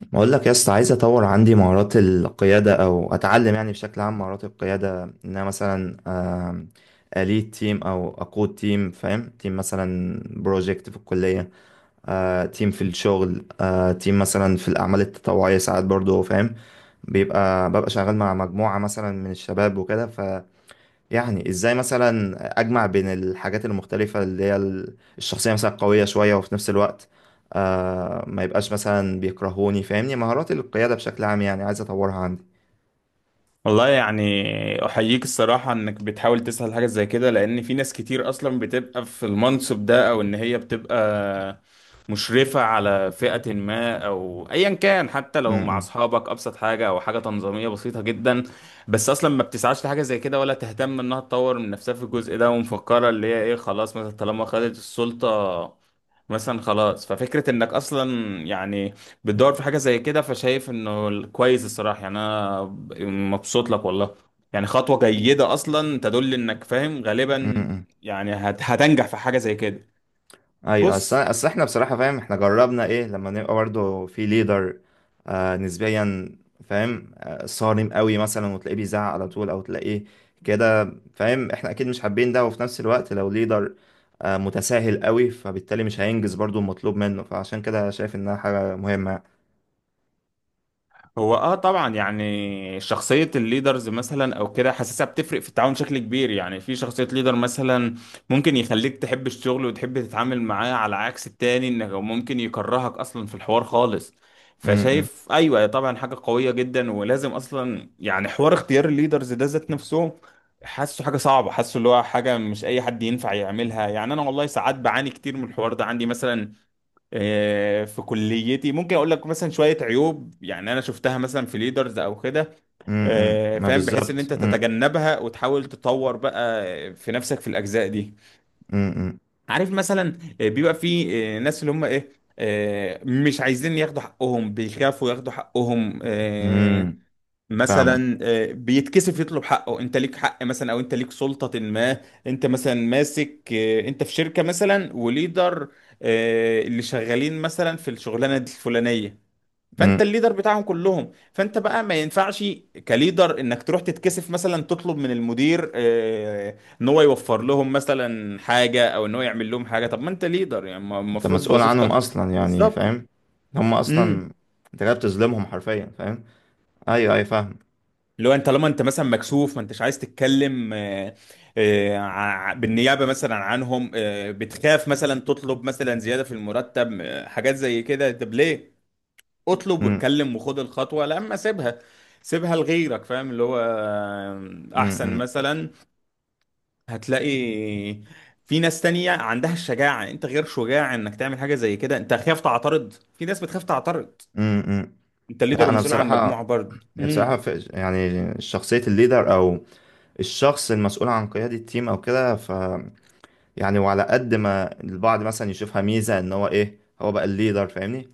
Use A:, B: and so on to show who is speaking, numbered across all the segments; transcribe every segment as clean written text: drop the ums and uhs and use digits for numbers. A: بقول لك يا اسطى، عايز اطور عندي مهارات القياده او اتعلم يعني بشكل عام مهارات القياده. ان انا مثلا اليد تيم او اقود تيم، فاهم؟ تيم مثلا بروجكت في الكليه، تيم في الشغل، تيم مثلا في الاعمال التطوعيه ساعات برضو. فاهم؟ ببقى شغال مع مجموعه مثلا من الشباب وكده. يعني ازاي مثلا اجمع بين الحاجات المختلفة اللي هي الشخصية مثلا قوية شوية، وفي نفس الوقت آه ما يبقاش مثلا بيكرهوني. فاهمني؟ مهارات القيادة بشكل عام يعني، عايز اطورها عندي.
B: والله يعني احييك الصراحة انك بتحاول تسهل حاجة زي كده، لان في ناس كتير اصلا بتبقى في المنصب ده، او ان هي بتبقى مشرفة على فئة ما، او ايا كان، حتى
A: م-
B: لو مع
A: م-
B: اصحابك ابسط حاجة او حاجة تنظيمية بسيطة جدا، بس اصلا ما بتسعاش لحاجة زي كده، ولا تهتم انها تطور من نفسها في الجزء ده، ومفكرة اللي هي ايه؟ خلاص، مثلا طالما خدت السلطة مثلا خلاص. ففكرة انك اصلا يعني بتدور في حاجة زي كده، فشايف انه كويس. الصراحة يعني انا مبسوط لك والله. يعني خطوة جيدة اصلا تدل انك فاهم
A: م-
B: غالبا.
A: م.
B: يعني هتنجح في حاجة زي كده.
A: ايوه، اصل
B: بص،
A: اصل احنا بصراحه فاهم، احنا جربنا ايه لما نبقى برضه في ليدر آه نسبيا، فاهم؟ آه صارم قوي مثلا وتلاقيه بيزعق على طول، او تلاقيه كده فاهم. احنا اكيد مش حابين ده، وفي نفس الوقت لو ليدر آه متساهل قوي فبالتالي مش هينجز برضه المطلوب منه، فعشان كده شايف انها حاجه مهمه.
B: هو طبعا، يعني شخصية الليدرز مثلا او كده، حاسسها بتفرق في التعاون بشكل كبير. يعني في شخصية ليدر مثلا ممكن يخليك تحب الشغل وتحب تتعامل معاه، على عكس التاني انه ممكن يكرهك اصلا في الحوار خالص.
A: امم.
B: فشايف ايوه طبعا، حاجة قوية جدا، ولازم اصلا يعني حوار اختيار الليدرز ده ذات نفسه. حاسه حاجة صعبة، حاسه اللي هو حاجة مش اي حد ينفع يعملها. يعني انا والله ساعات بعاني كتير من الحوار ده عندي مثلا. في كليتي ممكن اقول لك مثلا شويه عيوب، يعني انا شفتها مثلا في ليدرز او كده،
A: امم، ما
B: فاهم، بحيث ان
A: بالظبط.
B: انت تتجنبها وتحاول تطور بقى في نفسك في الاجزاء دي.
A: امم.
B: عارف مثلا بيبقى في ناس اللي هم ايه؟ مش عايزين ياخدوا حقهم، بيخافوا ياخدوا حقهم،
A: امم. فاهمك.
B: مثلا بيتكسف يطلب حقه. انت ليك حق مثلا، او انت ليك سلطة ما. انت مثلا ماسك، انت في شركة مثلا وليدر، اللي شغالين مثلا في الشغلانة دي الفلانية، فانت
A: امم.
B: الليدر بتاعهم كلهم، فانت بقى ما ينفعش كليدر انك تروح تتكسف مثلا تطلب من المدير ان هو يوفر لهم مثلا حاجة، او ان هو يعمل لهم حاجة. طب ما انت ليدر يعني،
A: انت
B: المفروض
A: مسؤول عنهم
B: وظيفتك.
A: اصلا يعني،
B: بالظبط.
A: فاهم؟ هم اصلا
B: امم.
A: انت جاي بتظلمهم حرفيا، فاهم؟ ايوه ايوه فاهم.
B: اللي هو انت طالما انت مثلا مكسوف ما انتش عايز تتكلم بالنيابه مثلا عنهم، بتخاف مثلا تطلب مثلا زياده في المرتب، حاجات زي كده. طب ليه؟ اطلب
A: امم.
B: واتكلم وخد الخطوه، لا اما سيبها، سيبها لغيرك، فاهم؟ اللي هو
A: امم.
B: احسن
A: امم.
B: مثلا. هتلاقي في ناس تانية عندها الشجاعه. يعني انت غير شجاع انك تعمل حاجه زي كده، انت خايف تعترض. في ناس بتخاف تعترض.
A: إمم، إمم.
B: انت
A: لا
B: ليدر
A: انا
B: ومسؤول عن
A: بصراحه،
B: مجموعه برضه.
A: بصراحه
B: امم.
A: في يعني شخصيه الليدر او الشخص المسؤول عن قياده التيم او كده، ف يعني وعلى قد ما البعض مثلا يشوفها ميزه ان هو ايه، هو بقى الليدر، فاهمني؟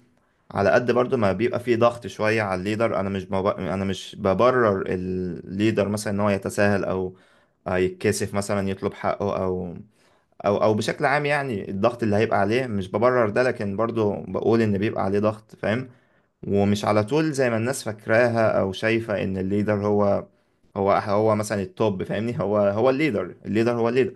A: على قد برضو ما بيبقى فيه ضغط شويه على الليدر. انا مش بب... انا مش ببرر الليدر مثلا ان هو يتساهل او يتكسف مثلا يطلب حقه، او بشكل عام يعني الضغط اللي هيبقى عليه مش ببرر ده، لكن برضو بقول ان بيبقى عليه ضغط، فاهم؟ ومش على طول زي ما الناس فاكراها او شايفة ان الليدر هو مثلا التوب. فاهمني؟ هو هو الليدر، الليدر هو الليدر.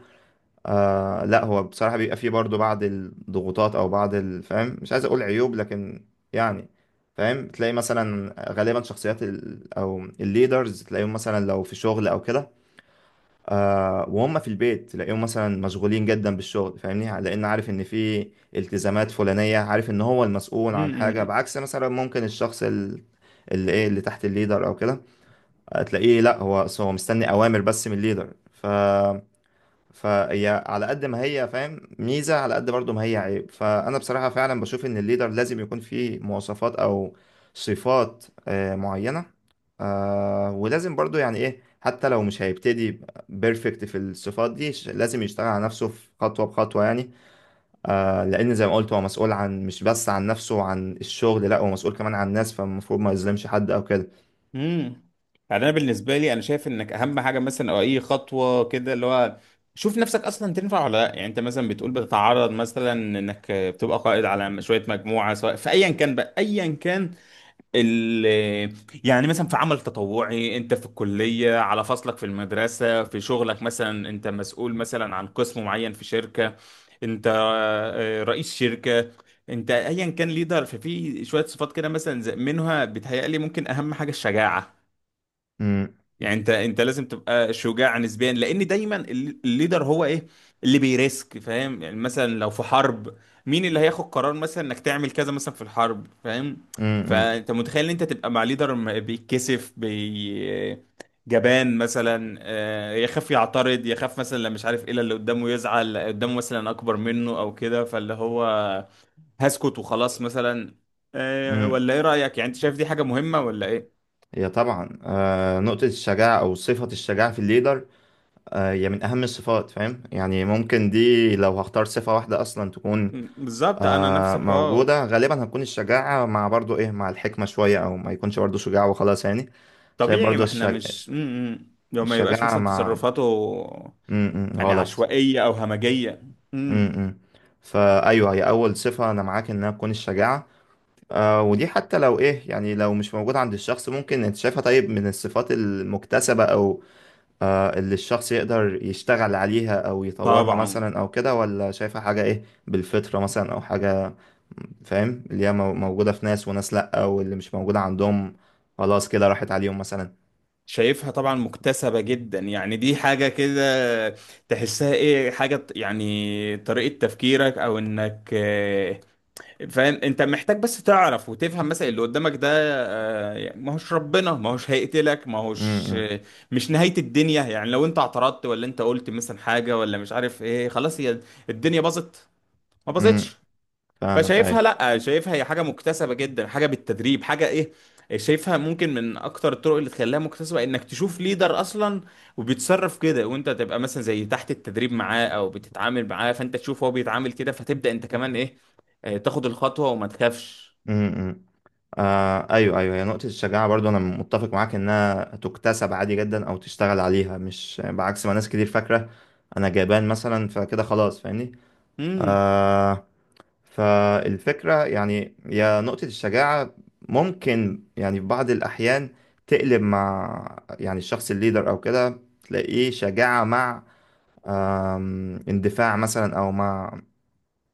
A: آه لا، هو بصراحة بيبقى فيه برضو بعض الضغوطات او بعض فاهم مش عايز اقول عيوب، لكن يعني فاهم تلاقي مثلا غالبا شخصيات ال او الليدرز تلاقيهم مثلا لو في شغل او كده آه، وهم في البيت تلاقيهم مثلا مشغولين جدا بالشغل، فاهمني؟ لان عارف ان في التزامات فلانيه، عارف ان هو المسؤول
B: امم،
A: عن حاجه،
B: امم.
A: بعكس مثلا ممكن الشخص اللي ايه، اللي تحت الليدر او كده تلاقيه لا، هو هو مستني اوامر بس من الليدر. ف فهي على قد ما هي فاهم ميزة، على قد برضو ما هي عيب. فأنا بصراحة فعلا بشوف إن الليدر لازم يكون فيه مواصفات أو صفات معينة، ولازم برضو يعني إيه، حتى لو مش هيبتدي بيرفكت في الصفات دي لازم يشتغل على نفسه، في خطوة بخطوة يعني. لأن زي ما قلت هو مسؤول عن مش بس عن نفسه وعن الشغل، لأ هو مسؤول كمان عن الناس، فالمفروض ما يظلمش حد أو كده.
B: امم يعني انا بالنسبه لي انا شايف انك اهم حاجه مثلا، او اي خطوه كده اللي هو شوف نفسك اصلا تنفع ولا لا. يعني انت مثلا بتقول بتتعرض مثلا انك بتبقى قائد على شويه مجموعه، سواء في ايا كان بقى، ايا كان ال يعني مثلا في عمل تطوعي، انت في الكليه، على فصلك في المدرسه، في شغلك مثلا انت مسؤول مثلا عن قسم معين في شركه، انت رئيس شركه، انت ايا كان ليدر. ففي شويه صفات كده مثلا منها بتهيألي ممكن اهم حاجه الشجاعه.
A: مم،
B: يعني انت لازم تبقى شجاع نسبيا، لان دايما الليدر هو ايه؟ اللي بيريسك، فاهم؟ يعني مثلا لو في حرب، مين اللي هياخد قرار مثلا انك تعمل كذا مثلا في الحرب، فاهم؟
A: مم، مم،
B: فانت متخيل ان انت تبقى مع ليدر بيتكسف جبان مثلا، يخاف يعترض، يخاف مثلا لو مش عارف ايه، لا اللي قدامه يزعل، لا قدامه مثلا اكبر منه او كده، فاللي هو هسكت وخلاص مثلا.
A: مم.
B: ولا ايه رأيك؟ يعني انت شايف دي حاجة مهمة ولا ايه؟
A: هي طبعا نقطة الشجاعة أو صفة الشجاعة في الليدر هي من أهم الصفات، فاهم؟ يعني ممكن دي لو هختار صفة واحدة أصلا تكون
B: بالظبط، انا نفس الحوار.
A: موجودة، غالبا هتكون الشجاعة مع برضو إيه، مع الحكمة شوية، أو ما يكونش برضو شجاع وخلاص يعني. شايف
B: طبيعي،
A: برضو
B: ما احنا مش لو ما يبقاش
A: الشجاعة
B: مثلا
A: مع
B: تصرفاته
A: م -م
B: يعني
A: غلط.
B: عشوائية او همجية.
A: م
B: امم
A: -م. فأيوه هي أول صفة، أنا معاك إنها تكون الشجاعة. آه ودي حتى لو إيه، يعني لو مش موجودة عند الشخص، ممكن أنت شايفها طيب من الصفات المكتسبة أو اللي الشخص يقدر يشتغل عليها او يطورها
B: طبعا.
A: مثلا او كده، ولا شايفها حاجة ايه، بالفطرة مثلا او حاجة فاهم، اللي هي موجودة في ناس وناس، لأ واللي مش موجودة عندهم خلاص كده راحت عليهم مثلا.
B: شايفها طبعا مكتسبة جدا، يعني دي حاجة كده تحسها ايه، حاجة يعني طريقة تفكيرك، او انك فاهم، انت محتاج بس تعرف وتفهم مثلا اللي قدامك ده، يعني ما هوش ربنا، ما هوش هيقتلك، ما هوش
A: امم
B: مش نهاية الدنيا. يعني لو انت اعترضت، ولا انت قلت مثلا حاجة، ولا مش عارف ايه، خلاص هي الدنيا باظت؟ ما
A: امم،
B: باظتش.
A: فاهمك،
B: فشايفها،
A: ايوه.
B: لا شايفها هي حاجه مكتسبه جدا، حاجه بالتدريب، حاجه ايه. شايفها ممكن من اكتر الطرق اللي تخليها مكتسبه انك تشوف ليدر اصلا وبيتصرف كده، وانت تبقى مثلا زي تحت التدريب معاه، او بتتعامل معاه، فانت تشوف هو بيتعامل كده، فتبدا انت كمان ايه، تاخد الخطوه وما تخافش.
A: امم. آه ايوه ايوه، هي نقطة الشجاعة برضو انا متفق معاك انها تكتسب عادي جدا او تشتغل عليها، مش بعكس ما ناس كتير فاكرة انا جبان مثلا فكده خلاص، فاهمني؟
B: امم.
A: آه. فالفكرة يعني يا نقطة الشجاعة ممكن يعني في بعض الأحيان تقلب مع يعني الشخص الليدر أو كده، تلاقيه شجاعة مع اندفاع مثلا، أو مع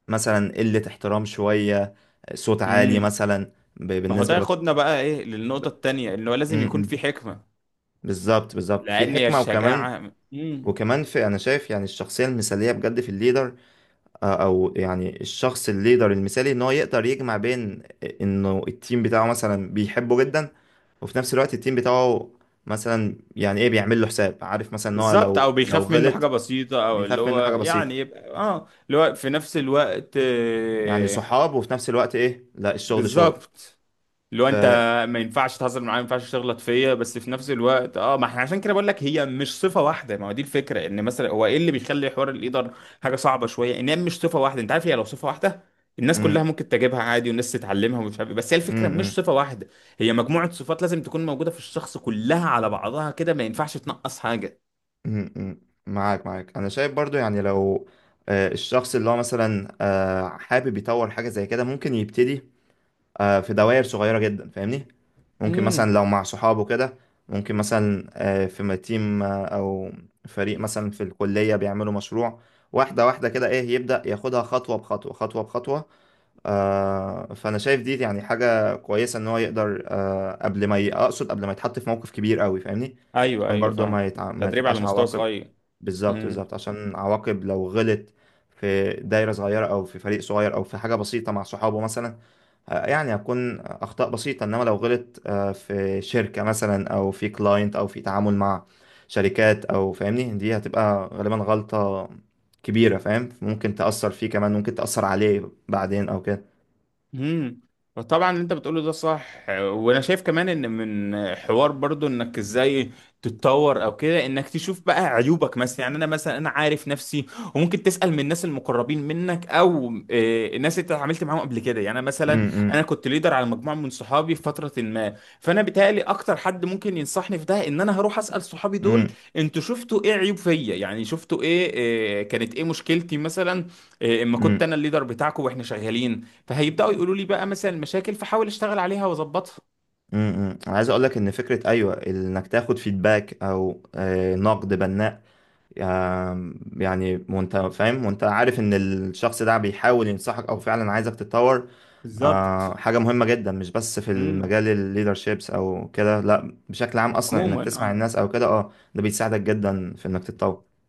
A: مثلا قلة احترام شوية، صوت عالي
B: امم.
A: مثلا،
B: ما هو ده
A: بالنسبة بك...
B: ياخدنا بقى ايه للنقطه
A: ب-
B: التانيه، انه
A: م-
B: لازم يكون
A: م.
B: في حكمه،
A: بالظبط بالظبط، في
B: لان
A: حكمة. وكمان،
B: الشجاعه
A: وكمان في أنا شايف يعني الشخصية المثالية بجد في الليدر او يعني الشخص الليدر المثالي، ان هو يقدر يجمع بين انه التيم بتاعه مثلا بيحبه جدا، وفي نفس الوقت التيم بتاعه مثلا يعني ايه بيعمل له حساب، عارف مثلا ان هو
B: بالظبط. او
A: لو
B: بيخاف منه حاجه
A: غلط
B: بسيطه، او اللي
A: بيخاف
B: هو
A: منه حاجة بسيطة،
B: يعني يبقى اللي هو في نفس الوقت،
A: يعني صحاب وفي نفس الوقت ايه لا، الشغل شغل.
B: بالظبط. اللي هو
A: ف
B: انت ما ينفعش تهزر معايا، ما ينفعش تغلط فيا، بس في نفس الوقت ما احنا عشان كده بقول لك هي مش صفه واحده. ما هو دي الفكره، ان مثلا هو ايه اللي بيخلي حوار القدر حاجه صعبه شويه، ان هي مش صفه واحده. انت عارف هي لو صفه واحده الناس كلها
A: م-
B: ممكن تجيبها عادي، والناس تتعلمها ومش عارف إيه. بس هي
A: م-
B: الفكره مش
A: م-
B: صفه واحده، هي مجموعه صفات لازم تكون موجوده في الشخص كلها على بعضها كده، ما ينفعش تنقص حاجه.
A: م- م- معاك، معاك انا شايف برضو، يعني لو الشخص اللي هو مثلا حابب يطور حاجة زي كده، ممكن يبتدي في دوائر صغيرة جدا، فاهمني؟ ممكن
B: امم.
A: مثلا لو مع صحابه كده، ممكن مثلا في تيم أو فريق مثلا في الكلية بيعملوا مشروع، واحدة واحدة كده إيه، يبدأ ياخدها خطوة بخطوة، خطوة بخطوة. فانا شايف دي يعني حاجه كويسه، ان هو يقدر قبل ما اقصد قبل ما يتحط في موقف كبير قوي، فاهمني؟
B: ايوه،
A: عشان
B: ايوه،
A: برضه
B: فاهم.
A: ما ما
B: تدريب على
A: تبقاش
B: مستوى
A: عواقب.
B: صغير.
A: بالظبط
B: مم.
A: بالظبط، عشان عواقب لو غلط في دايره صغيره او في فريق صغير او في حاجه بسيطه مع صحابه مثلا يعني هتكون اخطاء بسيطه، انما لو غلط في شركه مثلا او في كلاينت او في تعامل مع شركات او فاهمني، دي هتبقى غالبا غلطه كبيره، فاهم؟ ممكن تاثر فيه، كمان ممكن تاثر عليه بعدين او كده.
B: امم طبعا اللي انت بتقوله ده صح، وانا شايف كمان ان من حوار برضو انك ازاي تتطور او كده، انك تشوف بقى عيوبك مثلا. يعني انا مثلا انا عارف نفسي، وممكن تسأل من الناس المقربين منك، او الناس اللي انت اتعاملت معاهم قبل كده. يعني انا مثلا
A: امم.
B: انا كنت ليدر على مجموعة من صحابي في فترة ما، فانا بيتهيألي اكتر حد ممكن ينصحني في ده ان انا هروح أسأل صحابي دول.
A: امم.
B: انتوا شفتوا ايه عيوب فيا؟ يعني شفتوا ايه، كانت ايه مشكلتي مثلا اما كنت
A: امم.
B: انا الليدر بتاعكم واحنا شغالين؟ فهيبداوا يقولوا لي بقى مثلا المشاكل، فحاول اشتغل عليها واظبطها.
A: امم، انا عايز اقول لك ان فكره ايوه انك تاخد فيدباك او نقد بناء، يعني وانت فاهم وانت عارف ان الشخص ده بيحاول ينصحك او فعلا عايزك تتطور،
B: بالظبط.
A: حاجه مهمه جدا مش بس في
B: امم
A: المجال الليدرشيبس او كده، لا بشكل عام اصلا انك تسمع
B: عموما
A: الناس او كده. اه ده بيساعدك جدا في انك تتطور.